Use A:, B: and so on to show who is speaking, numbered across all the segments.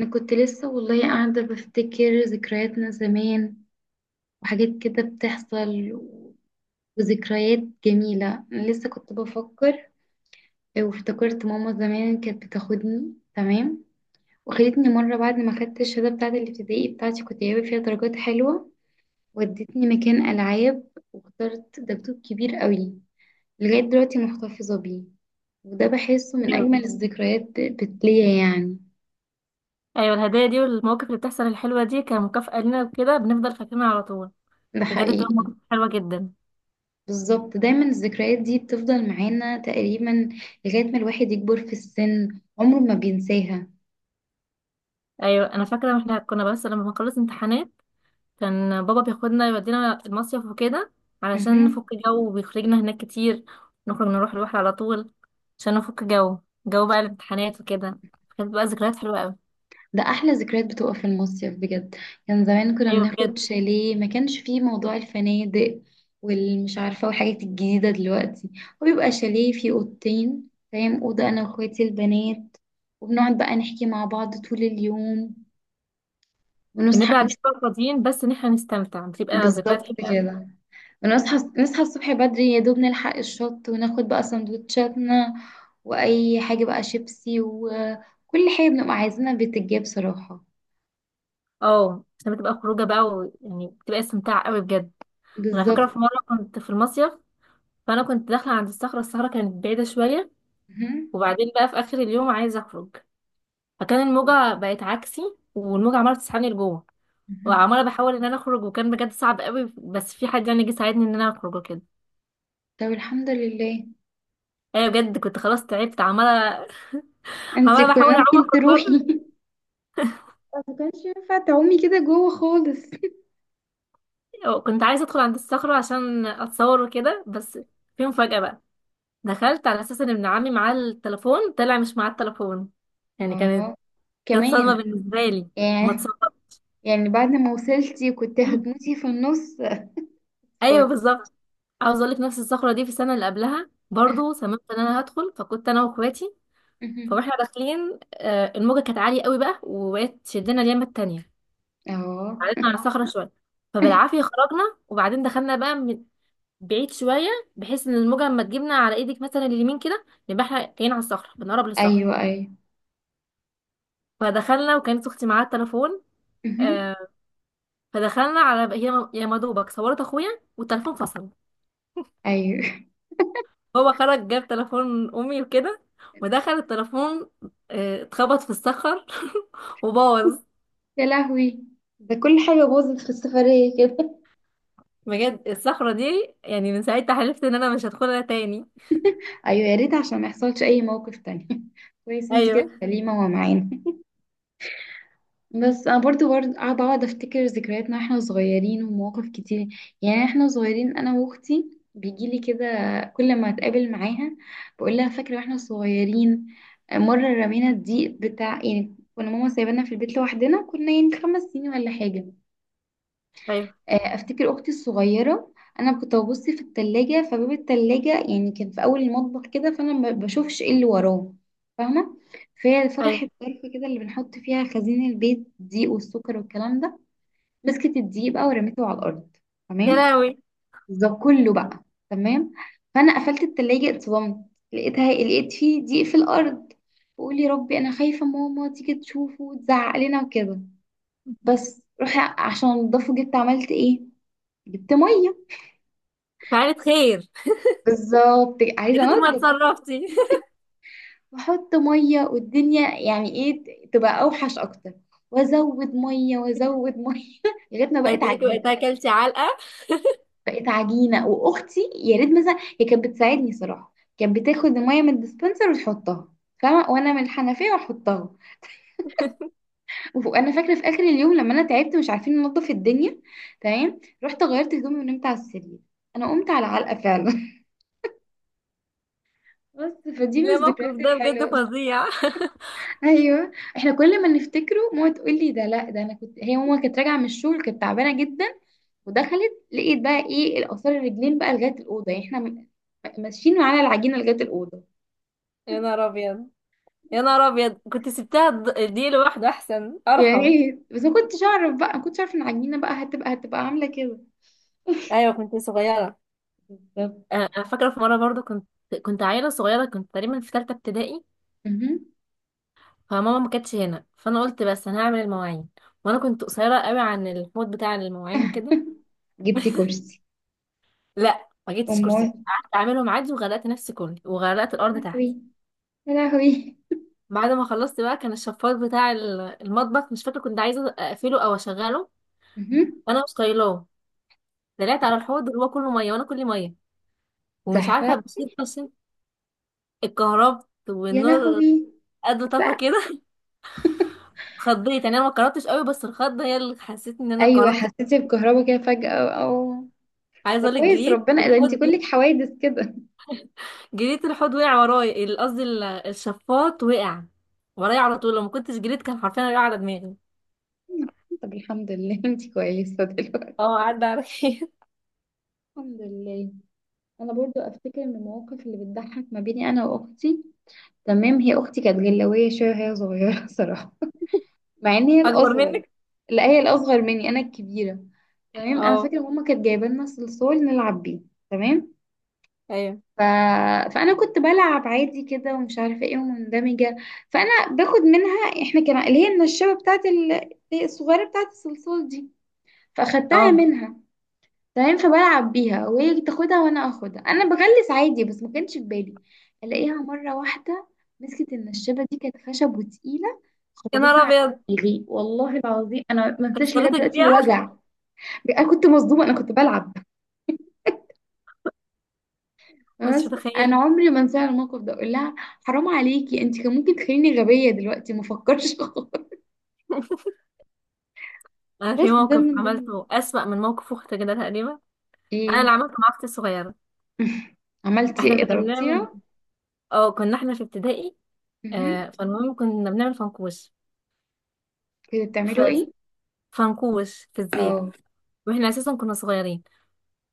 A: انا كنت لسه والله قاعدة بفتكر ذكرياتنا زمان وحاجات كده بتحصل وذكريات جميلة. انا لسه كنت بفكر وافتكرت ماما زمان كانت بتاخدني. تمام. وخدتني مرة بعد ما خدت الشهادة بتاعة الابتدائي بتاعتي، كنت جايبة فيها درجات حلوة. ودتني مكان ألعاب واخترت دبدوب كبير قوي، لغاية دلوقتي محتفظة بيه. وده بحسه من
B: ايوه،
A: أجمل الذكريات ليا يعني.
B: أيوة، الهدايا دي والمواقف اللي بتحصل الحلوه دي كمكافاه لنا وكده بنفضل فاكرينها على طول.
A: ده
B: بجد بتبقى مواقف
A: حقيقي.
B: حلوه جدا.
A: بالظبط، دايما الذكريات دي بتفضل معانا تقريبا لغاية ما الواحد يكبر في السن، عمره ما بينساها.
B: ايوه، انا فاكره احنا كنا بس لما بنخلص امتحانات كان بابا بياخدنا يودينا المصيف وكده علشان
A: مهم.
B: نفك جو، وبيخرجنا هناك كتير. نخرج نروح البحر على طول عشان نفك جو، جو بقى الامتحانات وكده. كانت بقى ذكريات حلوه قوي.
A: ده أحلى ذكريات بتبقى في المصيف بجد. كان زمان كنا
B: ايوه بجد.
A: بناخد شاليه، ما كانش فيه موضوع الفنادق والمش عارفة والحاجات الجديدة دلوقتي. وبيبقى شاليه فيه أوضتين، فاهم، أوضة أنا وأخواتي البنات، وبنقعد بقى نحكي مع بعض طول اليوم
B: بنبقى
A: ونصحى
B: قاعدين بقى فاضيين بس ان احنا نستمتع، بتبقى ذكريات
A: بالظبط
B: حلوه قوي.
A: كده. بنصحى الصبح بدري يا دوب نلحق الشط وناخد بقى سندوتشاتنا واي حاجة بقى شيبسي وكل حاجة بنبقى عايزينها بتتجاب صراحة.
B: اه، عشان بتبقى خروجه بقى ويعني بتبقى استمتاع قوي بجد. انا فاكره
A: بالظبط.
B: في مره كنت في المصيف، فانا كنت داخله عند الصخره كانت بعيده شويه.
A: مهم.
B: وبعدين بقى في اخر اليوم عايزه اخرج، فكان الموجه بقت عكسي، والموجه عماله تسحبني لجوه.
A: مهم.
B: وعماله بحاول ان انا اخرج، وكان بجد صعب قوي، بس في حد يعني جه ساعدني ان انا اخرج وكده.
A: طب الحمد لله.
B: ايوه بجد، كنت خلاص تعبت. عماله
A: انت
B: عماله
A: كنت
B: بحاول اعوم
A: ممكن
B: اخرج
A: تروحي.
B: بره.
A: ما كانش ينفع تعومي كده جوه خالص.
B: كنت عايزه ادخل عند الصخره عشان اتصور وكده بس. في مفاجاه بقى، دخلت على اساس ان ابن عمي معاه التليفون، طلع مش معاه التليفون. يعني كانت
A: اه
B: كانت صدمه
A: كمان.
B: بالنسبه لي. ما
A: يعني.
B: اتصورتش.
A: يعني بعد ما وصلتي كنت هتموتي في النص.
B: ايوه
A: أفكار.
B: بالظبط. عاوز اقول لك، نفس الصخره دي في السنه اللي قبلها برضو سمعت ان انا هدخل، فكنت انا واخواتي.
A: مهم.
B: فاحنا داخلين، الموجه كانت عاليه قوي بقى، وبقت تشدنا اليمه التانية.
A: اه.
B: قعدتنا على الصخره شويه، فبالعافيه خرجنا. وبعدين دخلنا بقى من بعيد شويه، بحيث ان الموجه لما تجيبنا على ايدك مثلا اليمين كده يبقى احنا كاين على الصخره، بنقرب للصخره.
A: ايوه ايوه.
B: فدخلنا، وكانت اختي معاها التليفون.
A: مهم.
B: آه، فدخلنا، على هي يا مدوبك صورت اخويا والتليفون فصل.
A: ايوه.
B: هو خرج جاب تليفون امي وكده، ودخل التليفون، اتخبط في الصخر وبوظ.
A: يا لهوي، ده كل حاجة باظت في السفرية كده.
B: بجد الصخرة دي يعني من ساعتها حلفت ان انا مش هدخلها تاني.
A: ايوه يا ريت عشان ما يحصلش اي موقف تاني. كويس انت كده
B: ايوه،
A: سليمة ومعانا. بس انا برضو قاعدة اقعد افتكر ذكرياتنا واحنا صغيرين، ومواقف كتير. يعني احنا صغيرين انا واختي بيجيلي كده كل ما اتقابل معاها بقول لها فاكرة واحنا صغيرين مرة رمينا الضيق بتاع، يعني كنا ماما سايبانا في البيت لوحدنا، كنا يعني خمس سنين ولا حاجة.
B: ايوه،
A: افتكر اختي الصغيره، انا كنت ببص في التلاجة، فباب التلاجة يعني كان في اول المطبخ كده، فانا ما بشوفش ايه اللي وراه. فاهمه. فهي
B: ايوه،
A: فتحت ظرف كده اللي بنحط فيها خزين البيت، الدقيق والسكر والكلام ده. مسكت الدقيق بقى ورميته على الارض.
B: يا
A: تمام.
B: لهوي.
A: ده كله بقى. تمام. فانا قفلت التلاجة اتصدمت، لقيت فيه دقيق في الارض. بقول يا ربي، انا خايفه ماما تيجي تشوفه وتزعق لنا وكده. بس روح عشان انضفه، جبت عملت ايه؟ جبت ميه.
B: فعلت خير.
A: بالظبط،
B: يا
A: عايزه
B: ريت ما
A: انضف.
B: اتصرفتي.
A: واحط ميه، والدنيا يعني ايه تبقى اوحش اكتر. وازود ميه وازود ميه لغايه ما بقت
B: هتلاقيكي
A: عجينه.
B: وقتها اكلتي علقة.
A: بقت عجينه. واختي يا ريت مثلا هي كانت بتساعدني صراحه، كانت بتاخد الميه من الديسبنسر وتحطها. فاهمه. وانا من الحنفيه واحطها. وانا فاكره في اخر اليوم لما انا تعبت مش عارفين ننضف الدنيا. تمام. رحت غيرت هدومي ونمت على السرير. انا قمت على علقه فعلا. بس فدي من
B: لا، موقف
A: الذكريات
B: ده بجد
A: الحلوه.
B: فظيع.
A: ايوه. احنا كل ما نفتكره ماما تقول لي ده، لا ده انا كنت، هي ماما كانت راجعه من الشغل كانت تعبانه جدا، ودخلت لقيت بقى ايه، الاثار الرجلين بقى لغايه الاوضه. يعني احنا ماشيين على العجينه لغايه الاوضه.
B: يا نهار ابيض، يا نهار ابيض، كنت سبتها دي لوحده احسن
A: يعني
B: ارحم.
A: ايه بس، ما كنتش اعرف ان العجينه بقى هتبقى عامله كده.
B: ايوه كنت صغيرة.
A: بالظبط.
B: انا فاكرة في مرة برضو كنت، كنت عيلة صغيرة، كنت تقريبا في ثالثة ابتدائي.
A: اها.
B: فماما ما كانتش هنا، فانا قلت بس انا هعمل المواعين، وانا كنت قصيره قوي عن الحوض بتاع المواعين وكده.
A: جبتي كرسي؟
B: لا، ما جبتش كرسي،
A: امال.
B: قعدت اعملهم عادي، وغرقت نفسي كلي، وغرقت
A: يا
B: الارض تحت.
A: لهوي. يا لهوي.
B: بعد ما خلصت بقى كان الشفاط بتاع المطبخ، مش فاكره كنت عايزه اقفله او اشغله،
A: اها.
B: وانا مش طايلاه. طلعت على الحوض اللي هو كله ميه وانا كلي ميه، ومش عارفه
A: زحرق.
B: بشيل، عشان اتكهربت
A: يا
B: والنور
A: لهوي.
B: قد طفى كده اتخضيت، يعني انا ما اتكهربتش قوي، بس الخضه هي اللي حسيت ان انا
A: ايوه
B: اتكهربت.
A: حسيتي بكهربا كده فجاه. او أو-
B: عايزه
A: ده
B: اقول لك،
A: كويس
B: جريت
A: ربنا، ده انت
B: الحوض.
A: كلك حوادث كده.
B: جريت الحوض وقع ورايا قصدي الشفاط وقع ورايا على طول. لو ما كنتش جريت كان حرفيا وقع على دماغي.
A: طب الحمد لله. انتي كويسة دلوقتي؟
B: اه، عدى عليك
A: الحمد لله. انا برضو افتكر من المواقف اللي بتضحك ما بيني انا واختي. تمام. هي اختي كانت جلاويه شويه وهي صغيره صراحه، مع ان هي
B: اكبر
A: الاصغر.
B: منك.
A: لا هي الاصغر مني، انا الكبيره. تمام. انا
B: اه.
A: فاكره ماما كانت جايبه لنا صلصال نلعب بيه. تمام.
B: ايوه.
A: ف... فانا كنت بلعب عادي كده ومش عارفه ايه، ومندمجه. فانا باخد منها، احنا كان اللي هي النشابه بتاعت الصغيره بتاعت الصلصال دي، فاخدتها
B: اه.
A: منها. تمام. فبلعب بيها وهي تاخدها وانا اخدها، انا بغلس عادي بس ما كانش في بالي. الاقيها مره واحده مسكت النشابه دي، كانت خشب وتقيله،
B: يا نهار
A: خبطتها على
B: ابيض،
A: دماغي. والله العظيم انا ما انساش لغايه
B: كسرتك
A: دلوقتي
B: بيها.
A: الوجع. انا كنت مصدومه انا كنت بلعب
B: مش
A: بس. انا
B: متخيله.
A: عمري ما انسى الموقف ده. اقول لها حرام عليكي، انت كان ممكن تخليني غبيه دلوقتي ما افكرش خالص.
B: انا
A: بس
B: في
A: ده
B: موقف
A: من ضمن.
B: عملته اسوأ من موقف اختي كده تقريبا. انا
A: ايه؟
B: اللي عملته مع اختي الصغيره.
A: عملتي
B: احنا
A: ايه،
B: كنا بنعمل.
A: ضربتيها؟
B: اه، كنا احنا في ابتدائي.
A: مهم.
B: فالمهم كنا بنعمل فنكوش.
A: كنتوا
B: ف...
A: بتعملوا ايه؟
B: فنكوش في الزيت.
A: اه.
B: واحنا اساسا كنا صغيرين،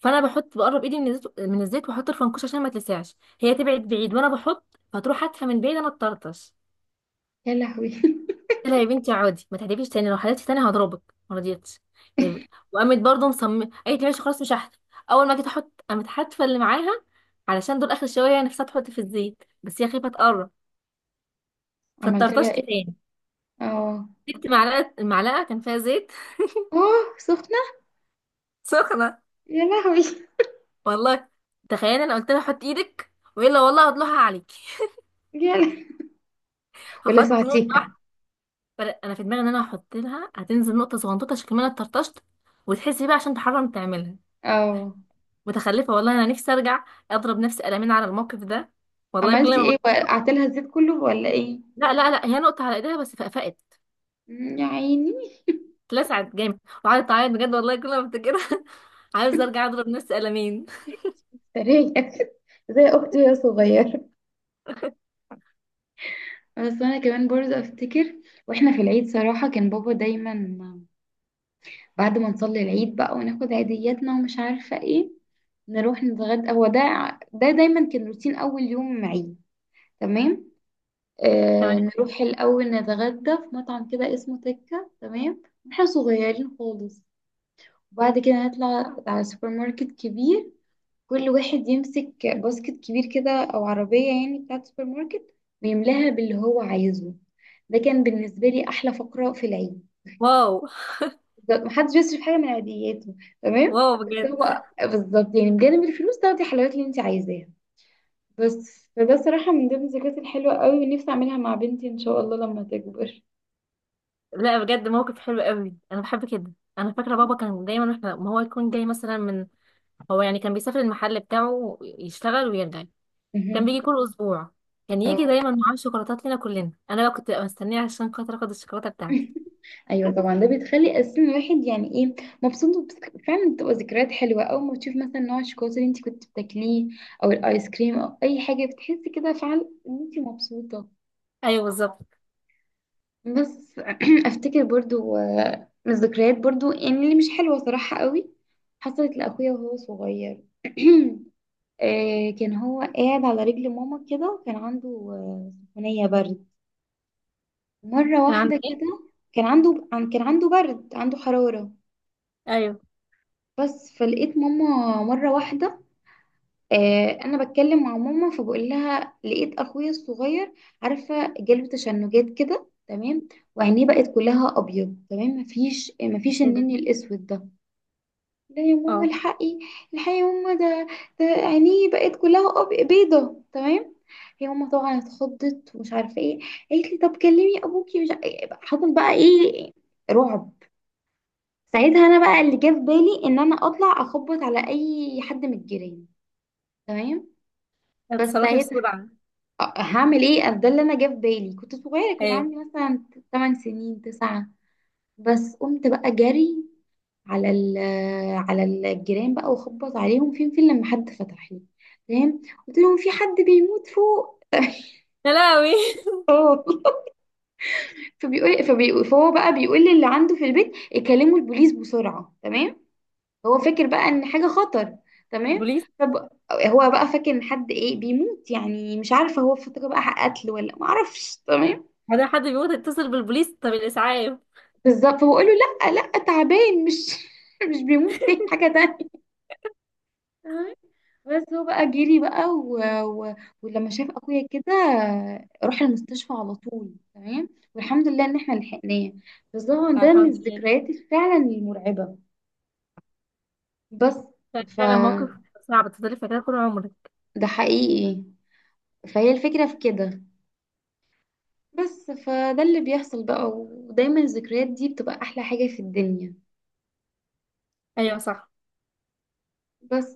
B: فانا بحط بقرب ايدي من الزيت واحط الفنكوش، عشان ما تلسعش، هي تبعد بعيد وانا بحط، فتروح هاتفه من بعيد، انا اتطرطش.
A: يا لهوي.
B: قلت لها يا بنتي عادي، ما تحدفيش تاني، لو حدفتي تاني هضربك. ما رضيتش، يب- وقامت برضه مصممه قالت لي ماشي خلاص مش هحدف. اول ما جيت احط قامت حاتفه اللي معاها، علشان دول اخر شويه هي نفسها تحط في الزيت بس هي خايفه تقرب،
A: عملت لها
B: فاتطرطشت
A: ايه؟
B: تاني.
A: اه.
B: جبت معلقه، المعلقه كان فيها زيت
A: اوه سخنة؟
B: سخنه.
A: يا لهوي.
B: والله، تخيل انا قلت لها حط ايدك والا والله هطلعها عليكي
A: يا لهوي.
B: هحط نوع.
A: ولسعتيها؟
B: انا في دماغي ان انا هحط لها هتنزل نقطه صغنطوطه، عشان كمان اتطرطشت، وتحسي بقى عشان تحرم تعملها.
A: اه.
B: متخلفه والله، انا نفسي ارجع اضرب نفسي قلمين على الموقف ده. والله كل
A: عملتي
B: ما
A: ايه، وقعت لها الزيت كله ولا ايه؟
B: لا لا لا، هي نقطه على ايديها بس فقفقت.
A: مم، يا عيني.
B: اتلسعت جامد، وقعدت تعيط بجد. والله كل ما افتكرها عاوز ارجع اضرب نفسي قلمين.
A: سريع. زي اختي وهي صغيرة. بس انا كمان برضه افتكر، واحنا في العيد صراحة كان بابا دايما بعد ما نصلي العيد بقى وناخد عيدياتنا ومش عارفة ايه، نروح نتغدى. هو ده، ده دايما كان روتين اول يوم عيد. تمام.
B: تمام.
A: نروح الأول نتغدى في مطعم كده اسمه تكة. تمام. احنا صغيرين خالص. وبعد كده نطلع على سوبر ماركت كبير، كل واحد يمسك باسكت كبير كده أو عربية يعني بتاعة سوبر ماركت ويملاها باللي هو عايزه. ده كان بالنسبة لي أحلى فقرة في العيد.
B: واو.
A: بالظبط، محدش بيصرف حاجة من عادياته. تمام.
B: واو
A: بس
B: بجد.
A: هو بالظبط يعني بجانب الفلوس تاخدي الحلويات اللي انت عايزاها بس. فده صراحة من ضمن الذكريات الحلوة قوي، ونفسي أعملها مع بنتي إن شاء الله لما تكبر.
B: لا، بجد موقف حلو قوي، انا بحب كده. انا فاكره بابا كان دايما احنا، ما هو يكون جاي مثلا من، هو يعني كان بيسافر المحل بتاعه يشتغل ويرجع، كان بيجي كل اسبوع. كان يجي
A: اه.
B: دايما معاه شوكولاتات لنا كلنا، انا بقى كنت ببقى مستنيه عشان خاطر اخد الشوكولاته بتاعتي.
A: ايوه طبعا، ده بتخلي اساسا الواحد يعني ايه، مبسوط. فعلا بتبقى ذكريات حلوه اول ما تشوف مثلا نوع الشوكولاته اللي انت كنت بتاكليه، او الايس كريم، او اي حاجه بتحسي كده فعلا ان انت مبسوطه.
B: ايوه بالظبط.
A: بس افتكر برضو، من الذكريات برضو يعني اللي مش حلوه صراحه قوي، حصلت لاخويا وهو صغير. كان هو قاعد على رجل ماما كده، وكان عنده سخونيه برد مره
B: كان عندي
A: واحده كده.
B: ايه؟
A: كان عنده برد، عنده حراره.
B: ايوه.
A: بس فلقيت ماما مرة واحدة. أنا بتكلم مع ماما، فبقول لها لقيت أخويا الصغير، عارفة، جاله تشنجات كده. تمام. وعينيه بقت كلها أبيض. تمام. مفيش
B: ايه ده؟
A: النني الأسود ده. لا يا ماما
B: اه.
A: الحقي، الحقي يا ماما، ده عينيه بقت كلها بيضة. تمام. هي ماما طبعا اتخضت ومش عارفة ايه. قالت لي طب كلمي أبوكي، مش حصل بقى ايه. رعب. ساعتها انا بقى اللي جه في بالي ان انا اطلع اخبط على اي حد من الجيران. تمام. بس
B: اتصرفي
A: ساعتها،
B: بسرعه.
A: هعمل ايه. ده اللي انا جه في بالي. كنت صغيره كنت
B: ايوه.
A: عندي مثلا 8 سنين 9. بس قمت بقى جري على على الجيران بقى واخبط عليهم. فين لما حد فتح لي. تمام. قلت لهم في حد بيموت فوق.
B: يا لهوي
A: اه. فبيقول فهو بقى بيقول للي عنده في البيت يكلموا البوليس بسرعه. تمام. هو فاكر بقى ان حاجه خطر. تمام.
B: البوليس؟
A: طب هو بقى فاكر ان حد ايه بيموت، يعني مش عارفه هو فاكر بقى قتل ولا ما اعرفش. تمام.
B: هذا حد بيموت، اتصل بالبوليس؟ طب الاسعاف.
A: بالظبط. فبقول له لا لا، تعبان مش مش بيموت، دي حاجه تانية. تمام. بس هو بقى جري بقى و... ولما شاف اخويا كده راح المستشفى على طول. تمام. والحمد لله ان احنا لحقناه. بس طبعا ده من
B: الحمد لله.
A: الذكريات فعلا المرعبه. بس
B: فعلا
A: فده.
B: موقف صعب تفضلي فاكراه طول عمرك.
A: حقيقي. فهي الفكره في كده. بس فده اللي بيحصل بقى، ودايما الذكريات دي بتبقى أحلى حاجة في الدنيا.
B: ايوه صح.
A: بس